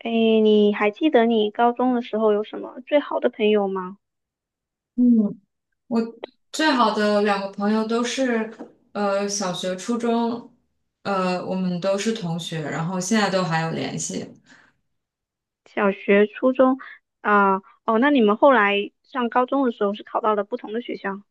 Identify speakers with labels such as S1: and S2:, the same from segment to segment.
S1: 诶，你还记得你高中的时候有什么最好的朋友吗？
S2: 嗯，我最好的两个朋友都是，小学、初中，我们都是同学，然后现在都还有联系。
S1: 小学、初中啊，哦，那你们后来上高中的时候是考到了不同的学校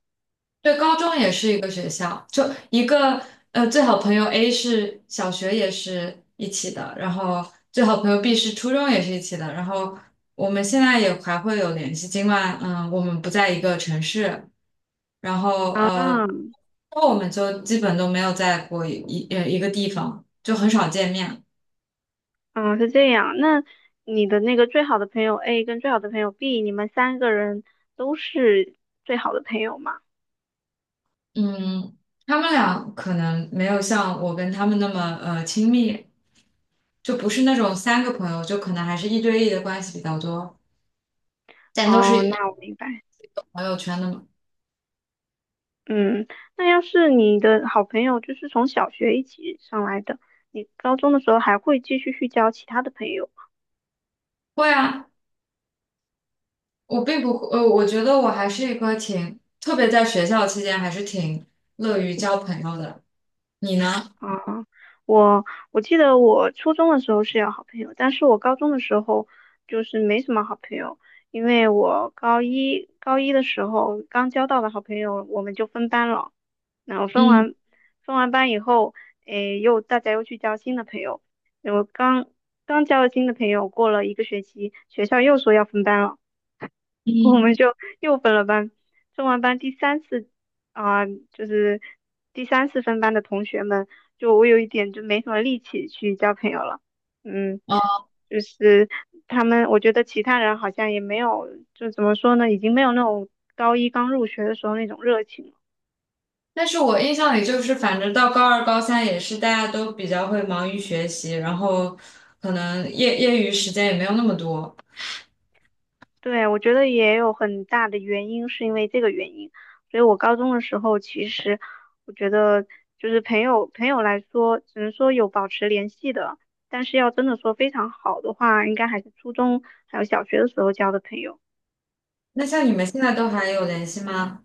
S2: 对，高中也是一个学校，就一个呃，最好朋友 A 是小学也是一起的，然后最好朋友 B 是初中也是一起的，然后我们现在也还会有联系，尽管我们不在一个城市，然后
S1: 啊？
S2: 那我们就基本都没有在过一个地方，就很少见面。
S1: 啊，是这样。那你的那个最好的朋友 A 跟最好的朋友 B，你们三个人都是最好的朋友吗？
S2: 嗯，他们俩可能没有像我跟他们那么亲密，就不是那种三个朋友，就可能还是一对一的关系比较多。咱都
S1: 哦，
S2: 是
S1: 那我明白。
S2: 朋友圈的吗？
S1: 嗯，那要是你的好朋友就是从小学一起上来的，你高中的时候还会继续去交其他的朋友吗？
S2: 会啊，我并不会，我觉得我还是一个挺，特别在学校期间还是挺乐于交朋友的。你呢？
S1: 啊，我我记得我初中的时候是有好朋友，但是我高中的时候就是没什么好朋友，因为我高一的时候刚交到的好朋友，我们就分班了。那我分
S2: 嗯
S1: 完分完班以后，诶，又大家又去交新的朋友。我刚交了新的朋友，过了一个学期，学校又说要分班了。我们
S2: 嗯，
S1: 就又分了班。分完班第三次，啊、就是第三次分班的同学们，就我有一点就没什么力气去交朋友了。嗯，
S2: 哦，
S1: 就是他们，我觉得其他人好像也没有，就怎么说呢，已经没有那种高一刚入学的时候那种热情了。
S2: 但是我印象里就是，反正到高二、高三也是大家都比较会忙于学习，然后可能业余时间也没有那么多。
S1: 对，我觉得也有很大的原因是因为这个原因，所以我高中的时候其实我觉得就是朋友来说，只能说有保持联系的，但是要真的说非常好的话，应该还是初中还有小学的时候交的朋友。
S2: 那像你们现在都还有联系吗？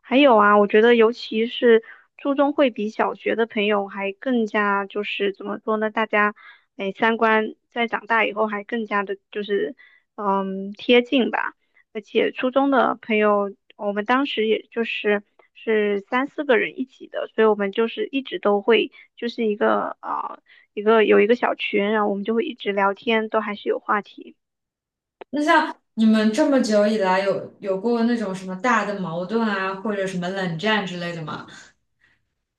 S1: 还有啊，我觉得尤其是初中会比小学的朋友还更加就是怎么说呢？大家哎三观在长大以后还更加的就是贴近吧。而且初中的朋友，我们当时也就是三四个人一起的，所以我们就是一直都会就是一个啊一个有一个小群，然后我们就会一直聊天，都还是有话题。
S2: 那像你们这么久以来有过那种什么大的矛盾啊，或者什么冷战之类的吗？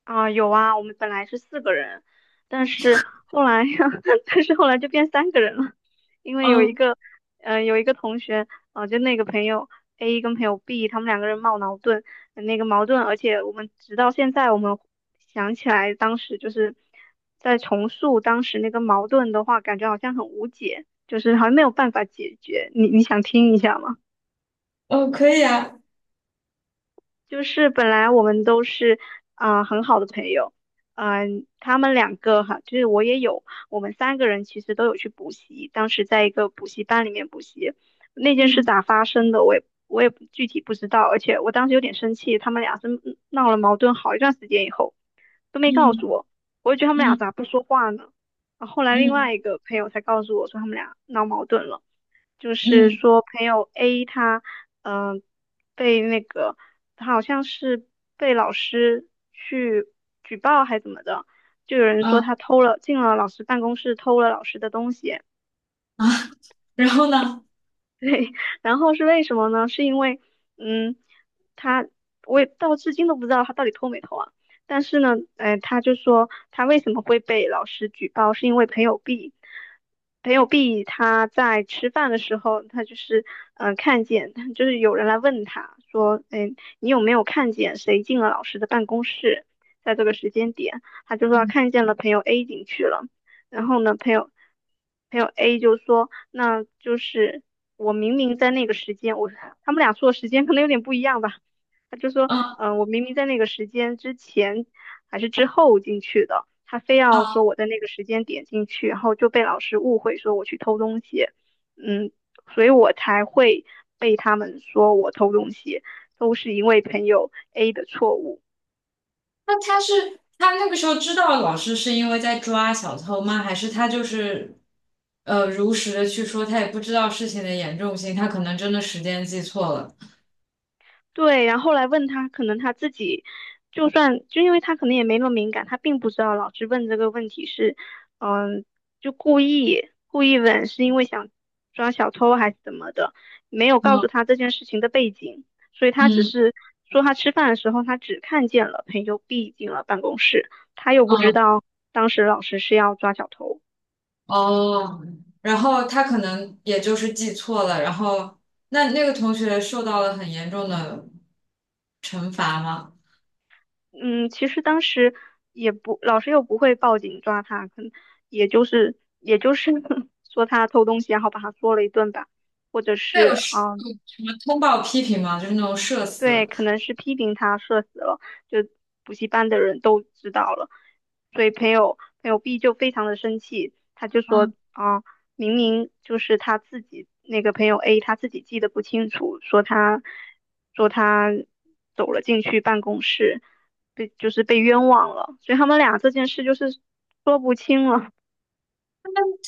S1: 啊，有啊，我们本来是四个人，但是后来，但是后来就变三个人了，因为
S2: 嗯
S1: 有一个同学，啊，就那个朋友 A 跟朋友 B，他们两个人闹矛盾，那个矛盾，而且我们直到现在，我们想起来当时就是在重塑当时那个矛盾的话，感觉好像很无解，就是好像没有办法解决。你想听一下吗？
S2: 嗯，可以啊。
S1: 就是本来我们都是很好的朋友，他们两个哈，就是我也有，我们三个人其实都有去补习，当时在一个补习班里面补习，那件事
S2: 嗯。
S1: 咋发生的我也具体不知道，而且我当时有点生气，他们俩是闹了矛盾好一段时间以后。都没告
S2: 嗯。
S1: 诉我，我就觉得他们俩
S2: 嗯。
S1: 咋不说话呢？啊，后来另
S2: 嗯。
S1: 外一个朋友才告诉我说他们俩闹矛盾了，就是
S2: 嗯。
S1: 说朋友 A 他嗯、呃被那个他好像是被老师去举报还怎么的，就有人说
S2: 啊。
S1: 他进了老师办公室偷了老师的东西，
S2: 啊，然后呢？
S1: 对，然后是为什么呢？是因为，嗯，他我也到至今都不知道他到底偷没偷啊。但是呢，他就说他为什么会被老师举报，是因为朋友 B，朋友 B 他在吃饭的时候，他就是看见，就是有人来问他说，哎，你有没有看见谁进了老师的办公室？在这个时间点，他就说他
S2: 嗯。
S1: 看见了朋友 A 进去了。然后呢，朋友 A 就说。那就是我明明在那个时间，他们俩说的时间可能有点不一样吧。他就说，
S2: 啊。
S1: 我明明在那个时间之前还是之后进去的，他非要
S2: 啊，
S1: 说我在那个时间点进去，然后就被老师误会说我去偷东西，嗯，所以我才会被他们说我偷东西，都是因为朋友 A 的错误。
S2: 那他是他那个时候知道老师是因为在抓小偷吗？还是他就是如实的去说，他也不知道事情的严重性，他可能真的时间记错了。
S1: 对，然后后来问他，可能他自己就算就因为他可能也没那么敏感，他并不知道老师问这个问题是，嗯，就故意问，是因为想抓小偷还是怎么的，没有告诉
S2: 嗯。
S1: 他这件事情的背景，所以他只
S2: 嗯。
S1: 是说他吃饭的时候他只看见了朋友 B 进了办公室，他又不知
S2: 嗯。
S1: 道当时老师是要抓小偷。
S2: 哦，然后他可能也就是记错了，然后那个同学受到了很严重的惩罚吗？
S1: 嗯，其实当时也不，老师又不会报警抓他，可能也就是 说他偷东西，然后把他说了一顿吧，或者
S2: 对，有
S1: 是
S2: 你们通报批评吗？就是那种社
S1: 对，
S2: 死。
S1: 可能是批评他社死了，就补习班的人都知道了，所以朋友 B 就非常的生气，他就说
S2: 嗯，
S1: 啊，明明就是他自己那个朋友 A 他自己记得不清楚，说他走了进去办公室，就是被冤枉了，所以他们俩这件事就是说不清了。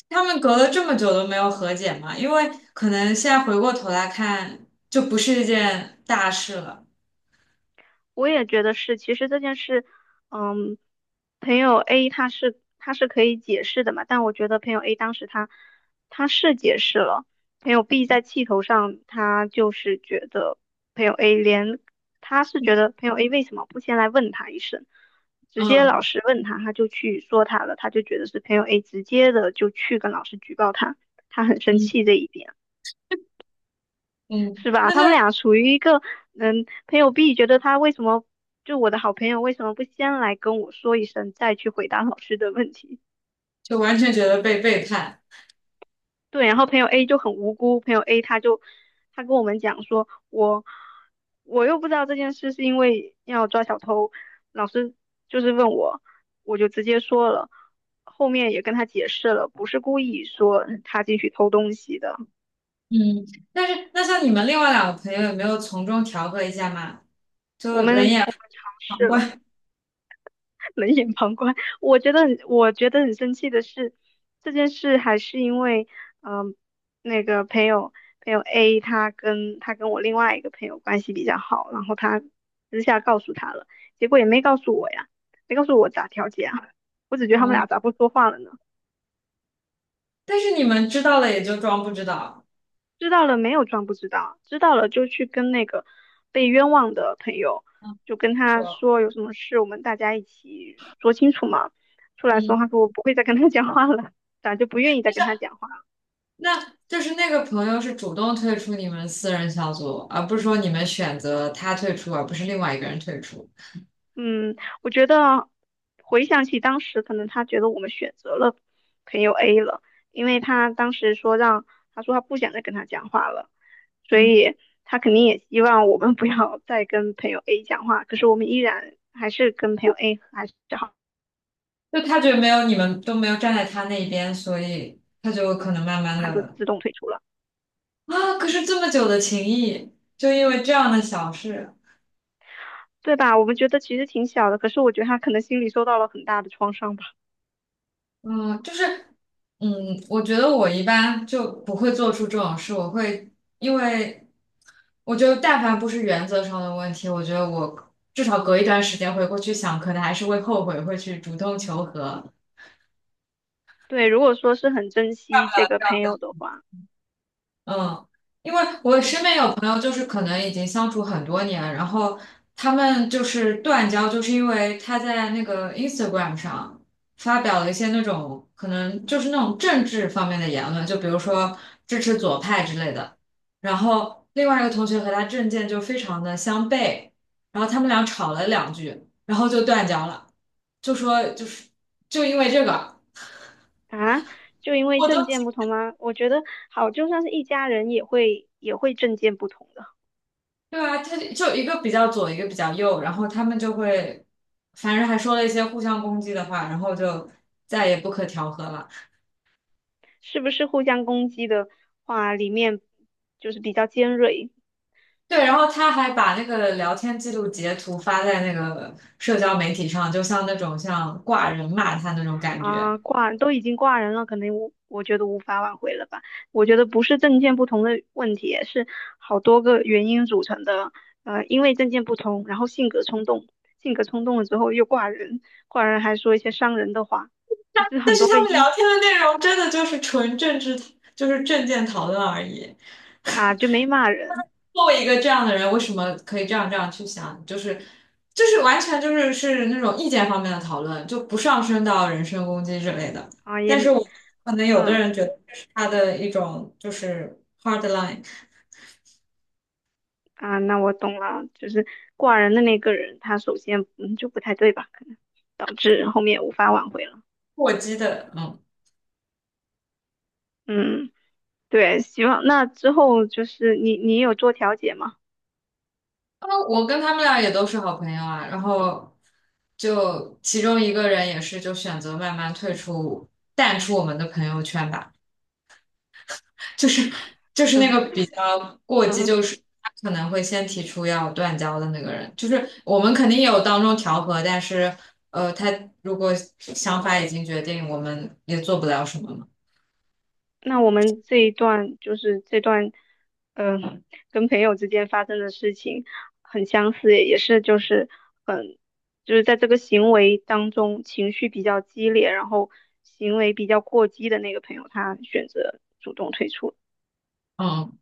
S2: 他们隔了这么久都没有和解嘛，因为可能现在回过头来看，就不是一件大事了。
S1: 我也觉得是，其实这件事，嗯，朋友 A 他是可以解释的嘛，但我觉得朋友 A 当时他是解释了，朋友 B 在气头上，他就是觉得朋友 A 连他是觉得朋友 A 为什么不先来问他一声，直接老
S2: 嗯。
S1: 师问他，他就去说他了，他就觉得是朋友 A 直接的就去跟老师举报他，他很生
S2: 嗯。
S1: 气这一点。
S2: 嗯，
S1: 是吧？
S2: 那
S1: 他们
S2: 像
S1: 俩处于一个，朋友 B 觉得他为什么，就我的好朋友为什么不先来跟我说一声，再去回答老师的问题？
S2: 就完全觉得被背叛。
S1: 对，然后朋友 A 就很无辜，朋友 A 他跟我们讲说，我又不知道这件事是因为要抓小偷，老师就是问我，我就直接说了，后面也跟他解释了，不是故意说他进去偷东西的，
S2: 嗯，但是那像你们另外两个朋友有没有从中调和一下嘛？就
S1: 我们我
S2: 冷
S1: 们
S2: 眼
S1: 尝
S2: 旁
S1: 试了。
S2: 观。
S1: 冷眼旁观。我觉得很生气的是，这件事还是因为，嗯、那个朋友 A 他跟我另外一个朋友关系比较好，然后他私下告诉他了，结果也没告诉我呀，没告诉我咋调解啊，我只觉 得他们
S2: 哦，
S1: 俩咋不说话了呢？
S2: 但是你们知道了也就装不知道。
S1: 知道了没有装不知道，知道了就去跟那个被冤枉的朋友，
S2: 嗯，
S1: 就跟他
S2: 说。
S1: 说有什么事，我们大家一起说清楚嘛。出来说，他
S2: 嗯。
S1: 说我不会再跟他 讲话了，咋就不愿意再跟他讲话了
S2: 那就是那个朋友是主动退出你们私人小组，而不是说你们选择他退出，而不是另外一个人退出。
S1: 嗯，我觉得回想起当时，可能他觉得我们选择了朋友 A 了，因为他当时说让他说他不想再跟他讲话了，所
S2: 嗯，
S1: 以他肯定也希望我们 不要再跟朋友 A 讲话。可是我们依然还是跟朋友 A 还是好。
S2: 就他觉得没有你们都没有站在他那边，所以他就可能慢慢的。
S1: 自动退出了，
S2: 啊，可是这么久的情谊，就因为这样的小事，
S1: 对吧？我们觉得其实挺小的，可是我觉得他可能心里受到了很大的创伤吧。
S2: 嗯，就是嗯，我觉得我一般就不会做出这种事，我会因为我觉得但凡不是原则上的问题，我觉得我至少隔一段时间回过去想，可能还是会后悔，会去主动求和。
S1: 对，如果说是很珍惜这个朋友的话，
S2: 嗯，因为我身边
S1: 嗯
S2: 有朋友，就是可能已经相处很多年，然后他们就是断交，就是因为他在那个 Instagram 上发表了一些那种可能就是那种政治方面的言论，就比如说支持左派之类的。然后另外一个同学和他政见就非常的相悖，然后他们俩吵了两句，然后就断交了，就说就是就因为这个，
S1: 啊，就因为
S2: 我都
S1: 政见不同吗？我觉得好，就算是一家人也会政见不同的，
S2: 对啊，他就就一个比较左，一个比较右，然后他们就会，反正还说了一些互相攻击的话，然后就再也不可调和了。
S1: 是不是互相攻击的话，里面就是比较尖锐，
S2: 对，然后他还把那个聊天记录截图发在那个社交媒体上，就像那种像挂人骂他那种感觉。
S1: 啊，挂都已经挂人了，可能我觉得无法挽回了吧。我觉得不是证件不同的问题，是好多个原因组成的。因为证件不同，然后性格冲动，性格冲动了之后又挂人，挂人还说一些伤人的话，就是
S2: 但
S1: 很
S2: 是
S1: 多
S2: 他
S1: 个
S2: 们
S1: 因
S2: 聊
S1: 素
S2: 天的内容真的就是纯政治，就是政见讨论而已。
S1: 啊，就没骂人
S2: 作为一个这样的人，为什么可以这样去想？就是就是完全就是是那种意见方面的讨论，就不上升到人身攻击之类的。
S1: 啊，也
S2: 但是我可能有的
S1: 嗯
S2: 人觉得这是他的一种就是 hard line
S1: 啊，那我懂了，就是挂人的那个人，他首先就不太对吧，可能导致后面无法挽回了，
S2: 过激的，嗯，
S1: 嗯。对，希望那之后就是你有做调解吗？
S2: 啊，我跟他们俩也都是好朋友啊，然后。就其中一个人也是就选择慢慢退出、淡出我们的朋友圈吧。就是就是那个 比较过激，
S1: 嗯，
S2: 就是他可能会先提出要断交的那个人，就是我们肯定也有当中调和，但是他如果想法已经决定，我们也做不了什么嘛。
S1: 那我们这一段就是这段，嗯、跟朋友之间发生的事情很相似，也是就是很就是在这个行为当中情绪比较激烈，然后行为比较过激的那个朋友，他选择主动退出了
S2: 嗯，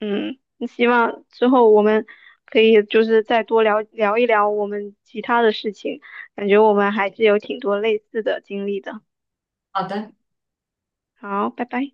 S1: 嗯，希望之后我们可以就是再多聊聊一聊我们其他的事情，感觉我们还是有挺多类似的经历的。
S2: 好的。
S1: 好，拜拜。